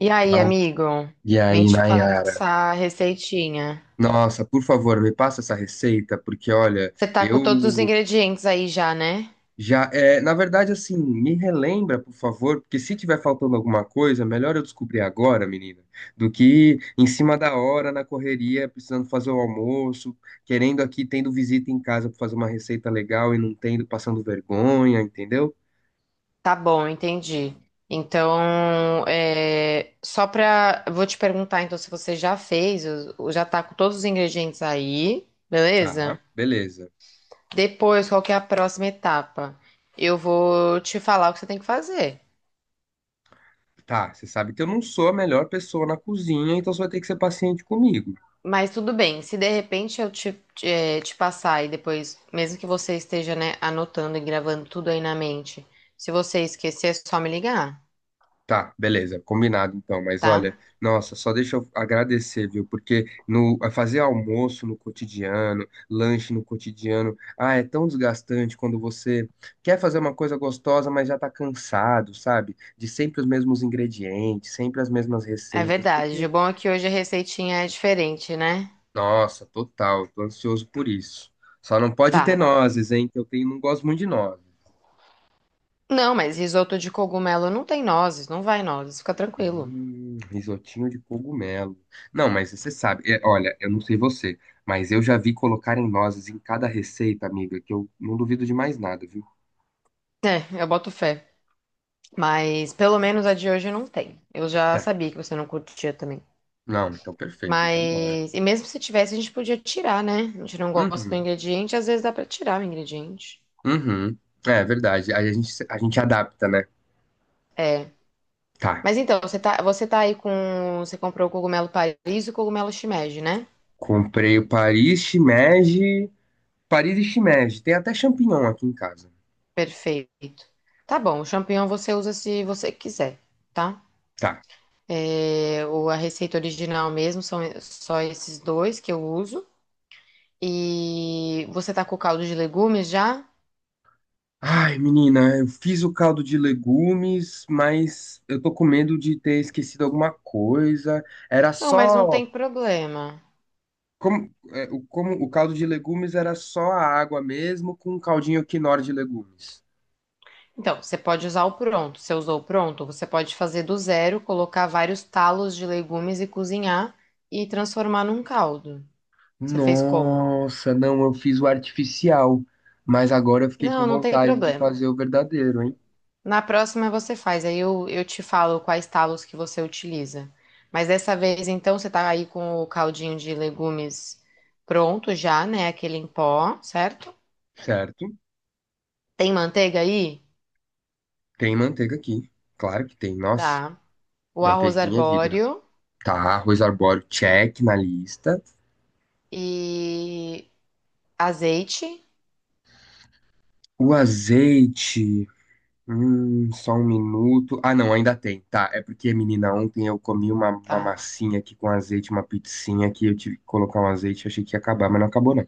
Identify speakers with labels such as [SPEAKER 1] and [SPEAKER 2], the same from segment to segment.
[SPEAKER 1] E aí,
[SPEAKER 2] Fala.
[SPEAKER 1] amigo?
[SPEAKER 2] E
[SPEAKER 1] Vim
[SPEAKER 2] aí,
[SPEAKER 1] te
[SPEAKER 2] Nayara?
[SPEAKER 1] passar a receitinha.
[SPEAKER 2] Nossa, por favor, me passa essa receita, porque olha,
[SPEAKER 1] Você tá com todos os
[SPEAKER 2] eu
[SPEAKER 1] ingredientes aí já, né?
[SPEAKER 2] já. É, na verdade, assim, me relembra, por favor, porque se tiver faltando alguma coisa, melhor eu descobrir agora, menina, do que em cima da hora, na correria, precisando fazer o almoço, querendo aqui, tendo visita em casa para fazer uma receita legal e não tendo, passando vergonha, entendeu?
[SPEAKER 1] Tá bom, entendi. Então, é, só pra. Vou te perguntar então se você já fez, já tá com todos os ingredientes aí,
[SPEAKER 2] Tá,
[SPEAKER 1] beleza?
[SPEAKER 2] beleza.
[SPEAKER 1] Depois, qual que é a próxima etapa? Eu vou te falar o que você tem que fazer.
[SPEAKER 2] Tá, você sabe que eu não sou a melhor pessoa na cozinha, então você vai ter que ser paciente comigo.
[SPEAKER 1] Mas tudo bem, se de repente eu te passar e depois, mesmo que você esteja, né, anotando e gravando tudo aí na mente, se você esquecer, é só me ligar,
[SPEAKER 2] Tá, beleza, combinado então. Mas
[SPEAKER 1] tá?
[SPEAKER 2] olha, nossa, só deixa eu agradecer, viu? Porque no é fazer almoço no cotidiano, lanche no cotidiano, ah, é tão desgastante quando você quer fazer uma coisa gostosa, mas já tá cansado, sabe? De sempre os mesmos ingredientes, sempre as mesmas
[SPEAKER 1] É
[SPEAKER 2] receitas,
[SPEAKER 1] verdade.
[SPEAKER 2] porque,
[SPEAKER 1] O bom é que hoje a receitinha é diferente, né?
[SPEAKER 2] nossa, total, tô ansioso por isso. Só não pode ter
[SPEAKER 1] Tá.
[SPEAKER 2] nozes, hein? Que eu tenho, não gosto muito de nozes.
[SPEAKER 1] Não, mas risoto de cogumelo não tem nozes, não vai nozes, fica tranquilo.
[SPEAKER 2] Risotinho de cogumelo. Não, mas você sabe, é, olha, eu não sei você, mas eu já vi colocarem nozes em cada receita, amiga, que eu não duvido de mais nada, viu?
[SPEAKER 1] É, eu boto fé. Mas pelo menos a de hoje não tem. Eu já
[SPEAKER 2] Tá.
[SPEAKER 1] sabia que você não curtia também.
[SPEAKER 2] Não, então perfeito, então bora.
[SPEAKER 1] Mas, e mesmo se tivesse, a gente podia tirar, né? A gente não gosta do
[SPEAKER 2] Uhum,
[SPEAKER 1] ingrediente, às vezes dá pra tirar o ingrediente.
[SPEAKER 2] uhum. É verdade, aí a gente adapta, né?
[SPEAKER 1] É.
[SPEAKER 2] Tá.
[SPEAKER 1] Mas então, você tá aí com. Você comprou o cogumelo Paris e o cogumelo shimeji, né?
[SPEAKER 2] Comprei o Paris shimeji, Paris e shimeji, tem até champignon aqui em casa.
[SPEAKER 1] Perfeito. Tá bom, o champignon você usa se você quiser, tá?
[SPEAKER 2] Tá.
[SPEAKER 1] É, a receita original mesmo são só esses dois que eu uso. E você tá com o caldo de legumes já?
[SPEAKER 2] Ai, menina, eu fiz o caldo de legumes, mas eu tô com medo de ter esquecido alguma coisa. Era
[SPEAKER 1] Não, mas não
[SPEAKER 2] só.
[SPEAKER 1] tem problema.
[SPEAKER 2] Como o caldo de legumes era só a água mesmo, com um caldinho Knorr de legumes.
[SPEAKER 1] Então, você pode usar o pronto. Você usou o pronto, você pode fazer do zero, colocar vários talos de legumes e cozinhar e transformar num caldo. Você fez como?
[SPEAKER 2] Nossa, não, eu fiz o artificial, mas agora eu fiquei
[SPEAKER 1] Não,
[SPEAKER 2] com
[SPEAKER 1] não tem
[SPEAKER 2] vontade de
[SPEAKER 1] problema.
[SPEAKER 2] fazer o verdadeiro, hein?
[SPEAKER 1] Na próxima você faz, aí eu te falo quais talos que você utiliza. Mas dessa vez, então, você tá aí com o caldinho de legumes pronto já, né? Aquele em pó, certo?
[SPEAKER 2] Certo?
[SPEAKER 1] Tem manteiga aí?
[SPEAKER 2] Tem manteiga aqui, claro que tem. Nossa,
[SPEAKER 1] Tá. O arroz
[SPEAKER 2] manteiguinha é vida.
[SPEAKER 1] arbóreo
[SPEAKER 2] Tá, arroz arbóreo, check na lista.
[SPEAKER 1] e azeite,
[SPEAKER 2] O azeite. Só um minuto. Ah, não, ainda tem. Tá, é porque, menina, ontem eu comi uma
[SPEAKER 1] tá.
[SPEAKER 2] massinha aqui com azeite, uma pizzinha que eu tive que colocar um azeite, achei que ia acabar, mas não acabou, não.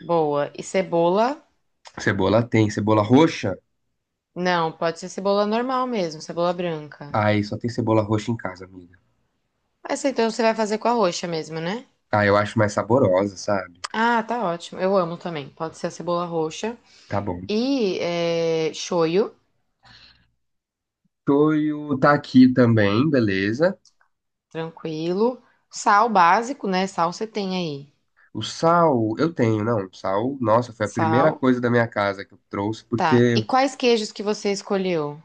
[SPEAKER 1] Boa. E cebola?
[SPEAKER 2] Cebola tem. Cebola roxa?
[SPEAKER 1] Não, pode ser cebola normal mesmo, cebola branca.
[SPEAKER 2] Ai, só tem cebola roxa em casa, amiga.
[SPEAKER 1] Essa então você vai fazer com a roxa mesmo, né?
[SPEAKER 2] Ah, eu acho mais saborosa, sabe?
[SPEAKER 1] Ah, tá ótimo. Eu amo também. Pode ser a cebola roxa.
[SPEAKER 2] Tá bom.
[SPEAKER 1] E é, shoyu,
[SPEAKER 2] Toio tá aqui também, beleza.
[SPEAKER 1] tranquilo. Sal básico, né? Sal você tem aí.
[SPEAKER 2] O sal, eu tenho, não. Sal, nossa, foi a primeira
[SPEAKER 1] Sal,
[SPEAKER 2] coisa da minha casa que eu trouxe,
[SPEAKER 1] tá. E
[SPEAKER 2] porque
[SPEAKER 1] quais queijos que você escolheu?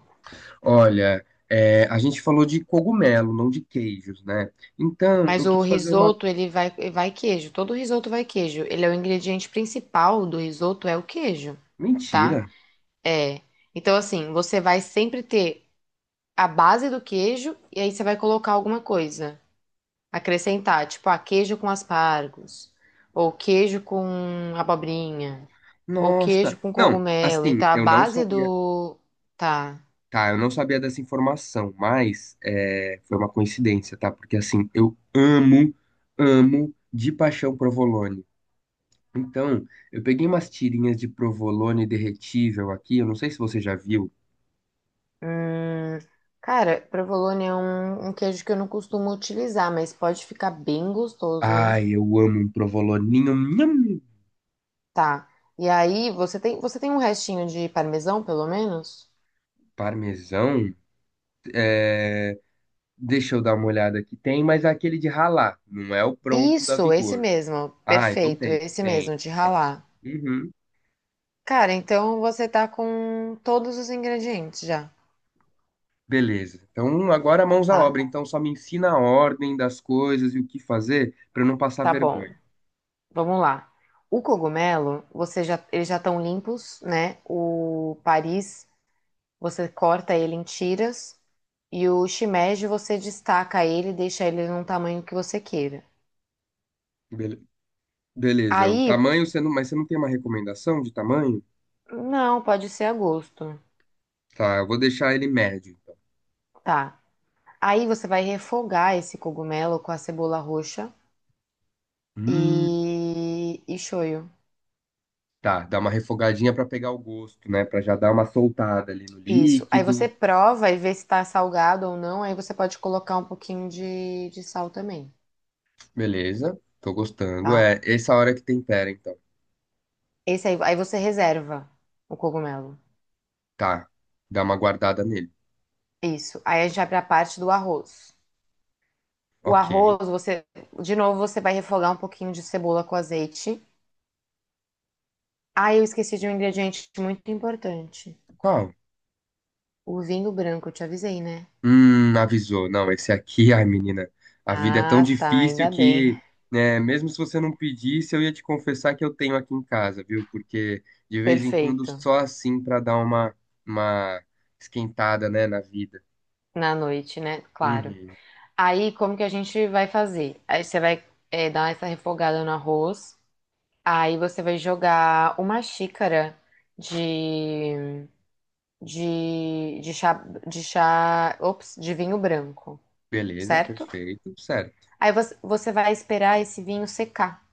[SPEAKER 2] olha, é, a gente falou de cogumelo, não de queijos, né? Então,
[SPEAKER 1] Mas
[SPEAKER 2] eu
[SPEAKER 1] o
[SPEAKER 2] quis fazer uma.
[SPEAKER 1] risoto, vai queijo. Todo risoto vai queijo. Ele é o ingrediente principal do risoto, é o queijo, tá?
[SPEAKER 2] Mentira!
[SPEAKER 1] É. Então, assim, você vai sempre ter a base do queijo e aí você vai colocar alguma coisa. Acrescentar, tipo, ah, queijo com aspargos, ou queijo com abobrinha, ou queijo
[SPEAKER 2] Nossa!
[SPEAKER 1] com
[SPEAKER 2] Não,
[SPEAKER 1] cogumelo.
[SPEAKER 2] assim,
[SPEAKER 1] Então, a
[SPEAKER 2] eu não
[SPEAKER 1] base
[SPEAKER 2] sabia.
[SPEAKER 1] do. Tá.
[SPEAKER 2] Tá, eu não sabia dessa informação, mas é, foi uma coincidência, tá? Porque, assim, eu amo, amo de paixão provolone. Então, eu peguei umas tirinhas de provolone derretível aqui, eu não sei se você já viu.
[SPEAKER 1] Hum, cara, provolone é um queijo que eu não costumo utilizar, mas pode ficar bem gostoso, hein?
[SPEAKER 2] Ai, eu amo um provoloninho, nham,
[SPEAKER 1] Tá. E aí, você tem um restinho de parmesão, pelo menos?
[SPEAKER 2] parmesão. É. Deixa eu dar uma olhada aqui. Tem, mas é aquele de ralar, não é o pronto da
[SPEAKER 1] Isso, esse
[SPEAKER 2] Vigor.
[SPEAKER 1] mesmo.
[SPEAKER 2] Ah, então
[SPEAKER 1] Perfeito,
[SPEAKER 2] tem,
[SPEAKER 1] esse
[SPEAKER 2] tem,
[SPEAKER 1] mesmo, de
[SPEAKER 2] tem.
[SPEAKER 1] ralar.
[SPEAKER 2] Uhum.
[SPEAKER 1] Cara, então você tá com todos os ingredientes já,
[SPEAKER 2] Beleza. Então agora mãos à
[SPEAKER 1] tá?
[SPEAKER 2] obra. Então só me ensina a ordem das coisas e o que fazer para eu não passar
[SPEAKER 1] Tá bom.
[SPEAKER 2] vergonha.
[SPEAKER 1] Vamos lá. O cogumelo, você já, eles já estão limpos, né? O Paris, você corta ele em tiras. E o shimeji, você destaca ele e deixa ele num tamanho que você queira.
[SPEAKER 2] Bele- Beleza. O
[SPEAKER 1] Aí,
[SPEAKER 2] tamanho, você não... mas você não tem uma recomendação de tamanho?
[SPEAKER 1] não, pode ser a gosto.
[SPEAKER 2] Tá, eu vou deixar ele médio, então.
[SPEAKER 1] Tá. Aí você vai refogar esse cogumelo com a cebola roxa
[SPEAKER 2] Hum,
[SPEAKER 1] e shoyu.
[SPEAKER 2] tá, dá uma refogadinha para pegar o gosto, né? Para já dar uma soltada ali no
[SPEAKER 1] Isso. Aí você
[SPEAKER 2] líquido.
[SPEAKER 1] prova e vê se tá salgado ou não. Aí você pode colocar um pouquinho de sal também,
[SPEAKER 2] Beleza. Tô gostando.
[SPEAKER 1] tá?
[SPEAKER 2] É essa hora que tempera, então.
[SPEAKER 1] Esse aí, aí você reserva o cogumelo.
[SPEAKER 2] Tá. Dá uma guardada nele.
[SPEAKER 1] Isso. Aí a gente vai para a parte do arroz. O
[SPEAKER 2] Ok.
[SPEAKER 1] arroz, você, de novo, você vai refogar um pouquinho de cebola com azeite. Ah, eu esqueci de um ingrediente muito importante.
[SPEAKER 2] Qual?
[SPEAKER 1] O vinho branco, eu te avisei, né?
[SPEAKER 2] Avisou. Não, esse aqui, ai, menina, a vida é tão
[SPEAKER 1] Ah, tá,
[SPEAKER 2] difícil
[SPEAKER 1] ainda bem.
[SPEAKER 2] que, né, mesmo se você não pedisse, eu ia te confessar que eu tenho aqui em casa, viu? Porque de vez em quando
[SPEAKER 1] Perfeito.
[SPEAKER 2] só assim pra dar uma esquentada, né, na vida.
[SPEAKER 1] Na noite, né? Claro.
[SPEAKER 2] Uhum.
[SPEAKER 1] Aí, como que a gente vai fazer? Aí você vai dar essa refogada no arroz. Aí você vai jogar uma xícara de de, de chá, de chá, ops, de vinho branco,
[SPEAKER 2] Beleza,
[SPEAKER 1] certo?
[SPEAKER 2] perfeito, certo.
[SPEAKER 1] Aí você vai esperar esse vinho secar.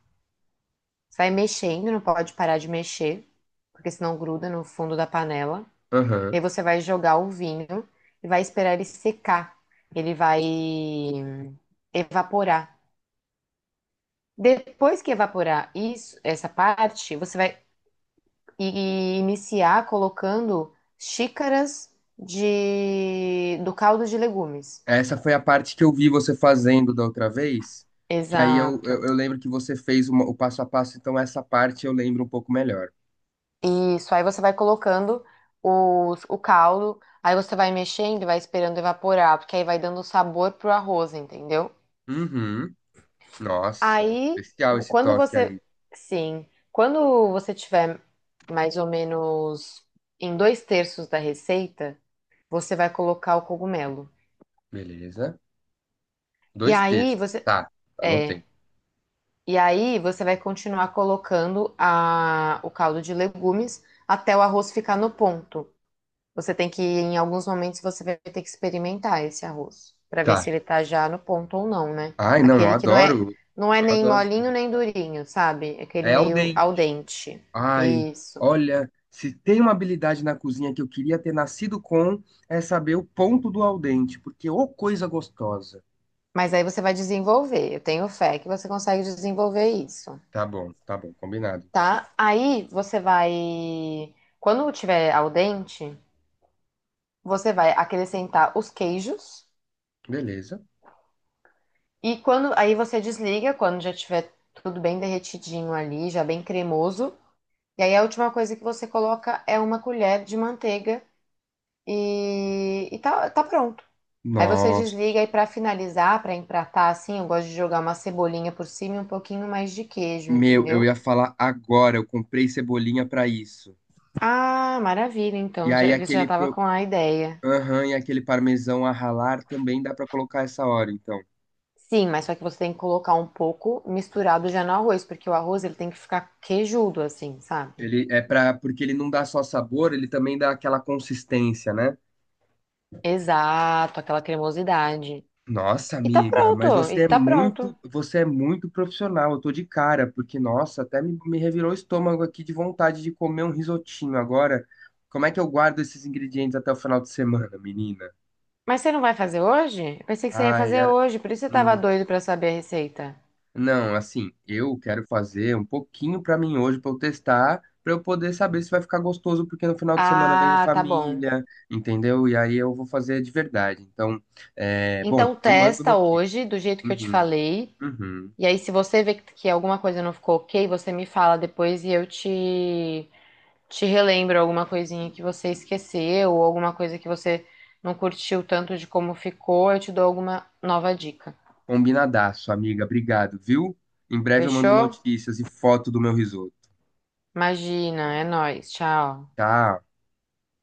[SPEAKER 1] Você vai mexendo, não pode parar de mexer, porque senão gruda no fundo da panela. E
[SPEAKER 2] Aham.
[SPEAKER 1] aí você vai jogar o vinho e vai esperar ele secar. Ele vai evaporar. Depois que evaporar isso, essa parte, você vai iniciar colocando xícaras de do caldo de legumes.
[SPEAKER 2] Essa foi a parte que eu vi você fazendo da outra vez, que aí eu, eu,
[SPEAKER 1] Exato.
[SPEAKER 2] eu lembro que o passo a passo, então essa parte eu lembro um pouco melhor.
[SPEAKER 1] Isso. Aí você vai colocando o caldo, aí você vai mexendo e vai esperando evaporar, porque aí vai dando sabor pro arroz, entendeu?
[SPEAKER 2] Uhum. Nossa,
[SPEAKER 1] Aí,
[SPEAKER 2] especial esse
[SPEAKER 1] quando
[SPEAKER 2] toque
[SPEAKER 1] você.
[SPEAKER 2] aí.
[SPEAKER 1] Sim. Quando você tiver mais ou menos em dois terços da receita, você vai colocar o cogumelo.
[SPEAKER 2] Beleza.
[SPEAKER 1] E
[SPEAKER 2] Dois
[SPEAKER 1] aí
[SPEAKER 2] textos
[SPEAKER 1] você.
[SPEAKER 2] Tá,
[SPEAKER 1] É.
[SPEAKER 2] anotei.
[SPEAKER 1] E aí você vai continuar colocando o caldo de legumes até o arroz ficar no ponto. Você tem que, em alguns momentos, você vai ter que experimentar esse arroz para ver
[SPEAKER 2] Tá.
[SPEAKER 1] se ele tá já no ponto ou não, né?
[SPEAKER 2] Ai, não, eu
[SPEAKER 1] Aquele que
[SPEAKER 2] adoro.
[SPEAKER 1] não é
[SPEAKER 2] Eu
[SPEAKER 1] nem
[SPEAKER 2] adoro isso
[SPEAKER 1] molinho
[SPEAKER 2] também.
[SPEAKER 1] nem durinho, sabe? É aquele
[SPEAKER 2] É ao
[SPEAKER 1] meio al
[SPEAKER 2] dente.
[SPEAKER 1] dente.
[SPEAKER 2] Ai,
[SPEAKER 1] Isso.
[SPEAKER 2] olha, se tem uma habilidade na cozinha que eu queria ter nascido com, é saber o ponto do al dente, porque ô coisa gostosa.
[SPEAKER 1] Mas aí você vai desenvolver. Eu tenho fé que você consegue desenvolver isso,
[SPEAKER 2] Tá bom, combinado então.
[SPEAKER 1] tá? Aí você vai, quando tiver al dente, você vai acrescentar os queijos
[SPEAKER 2] Beleza.
[SPEAKER 1] e quando aí você desliga quando já tiver tudo bem derretidinho ali, já bem cremoso. E aí a última coisa que você coloca é uma colher de manteiga e tá, tá pronto. Aí você
[SPEAKER 2] Nossa.
[SPEAKER 1] desliga e para finalizar, para empratar assim, eu gosto de jogar uma cebolinha por cima e um pouquinho mais de queijo,
[SPEAKER 2] Meu, eu
[SPEAKER 1] entendeu?
[SPEAKER 2] ia falar agora, eu comprei cebolinha pra isso.
[SPEAKER 1] Ah, maravilha,
[SPEAKER 2] E
[SPEAKER 1] então,
[SPEAKER 2] aí
[SPEAKER 1] já, você já
[SPEAKER 2] aquele
[SPEAKER 1] tava com a ideia.
[SPEAKER 2] Aham, e aquele parmesão a ralar também dá pra colocar essa hora, então.
[SPEAKER 1] Sim, mas só que você tem que colocar um pouco misturado já no arroz, porque o arroz ele tem que ficar queijudo assim, sabe?
[SPEAKER 2] Ele é para porque ele não dá só sabor, ele também dá aquela consistência, né?
[SPEAKER 1] Exato, aquela cremosidade.
[SPEAKER 2] Nossa,
[SPEAKER 1] E tá
[SPEAKER 2] amiga, mas
[SPEAKER 1] pronto, e tá pronto.
[SPEAKER 2] você é muito profissional. Eu tô de cara, porque nossa, até me revirou o estômago aqui de vontade de comer um risotinho agora. Como é que eu guardo esses ingredientes até o final de semana, menina?
[SPEAKER 1] Mas você não vai fazer hoje? Eu pensei que você ia
[SPEAKER 2] Ai,
[SPEAKER 1] fazer
[SPEAKER 2] era,
[SPEAKER 1] hoje, por isso eu tava
[SPEAKER 2] hum.
[SPEAKER 1] doido pra saber a receita.
[SPEAKER 2] Não, assim, eu quero fazer um pouquinho pra mim hoje pra eu testar, pra eu poder saber se vai ficar gostoso, porque no final de semana vem minha
[SPEAKER 1] Ah, tá bom.
[SPEAKER 2] família, entendeu? E aí eu vou fazer de verdade. Então, é, bom,
[SPEAKER 1] Então
[SPEAKER 2] eu mando
[SPEAKER 1] testa
[SPEAKER 2] notícia.
[SPEAKER 1] hoje, do jeito que eu te
[SPEAKER 2] Uhum,
[SPEAKER 1] falei.
[SPEAKER 2] uhum.
[SPEAKER 1] E aí, se você vê que alguma coisa não ficou ok, você me fala depois e eu te relembro alguma coisinha que você esqueceu ou alguma coisa que você não curtiu tanto de como ficou. Eu te dou alguma nova dica.
[SPEAKER 2] Combinadaço, amiga. Obrigado, viu? Em breve eu mando
[SPEAKER 1] Fechou?
[SPEAKER 2] notícias e foto do meu risoto.
[SPEAKER 1] Imagina, é nóis. Tchau.
[SPEAKER 2] Tchau.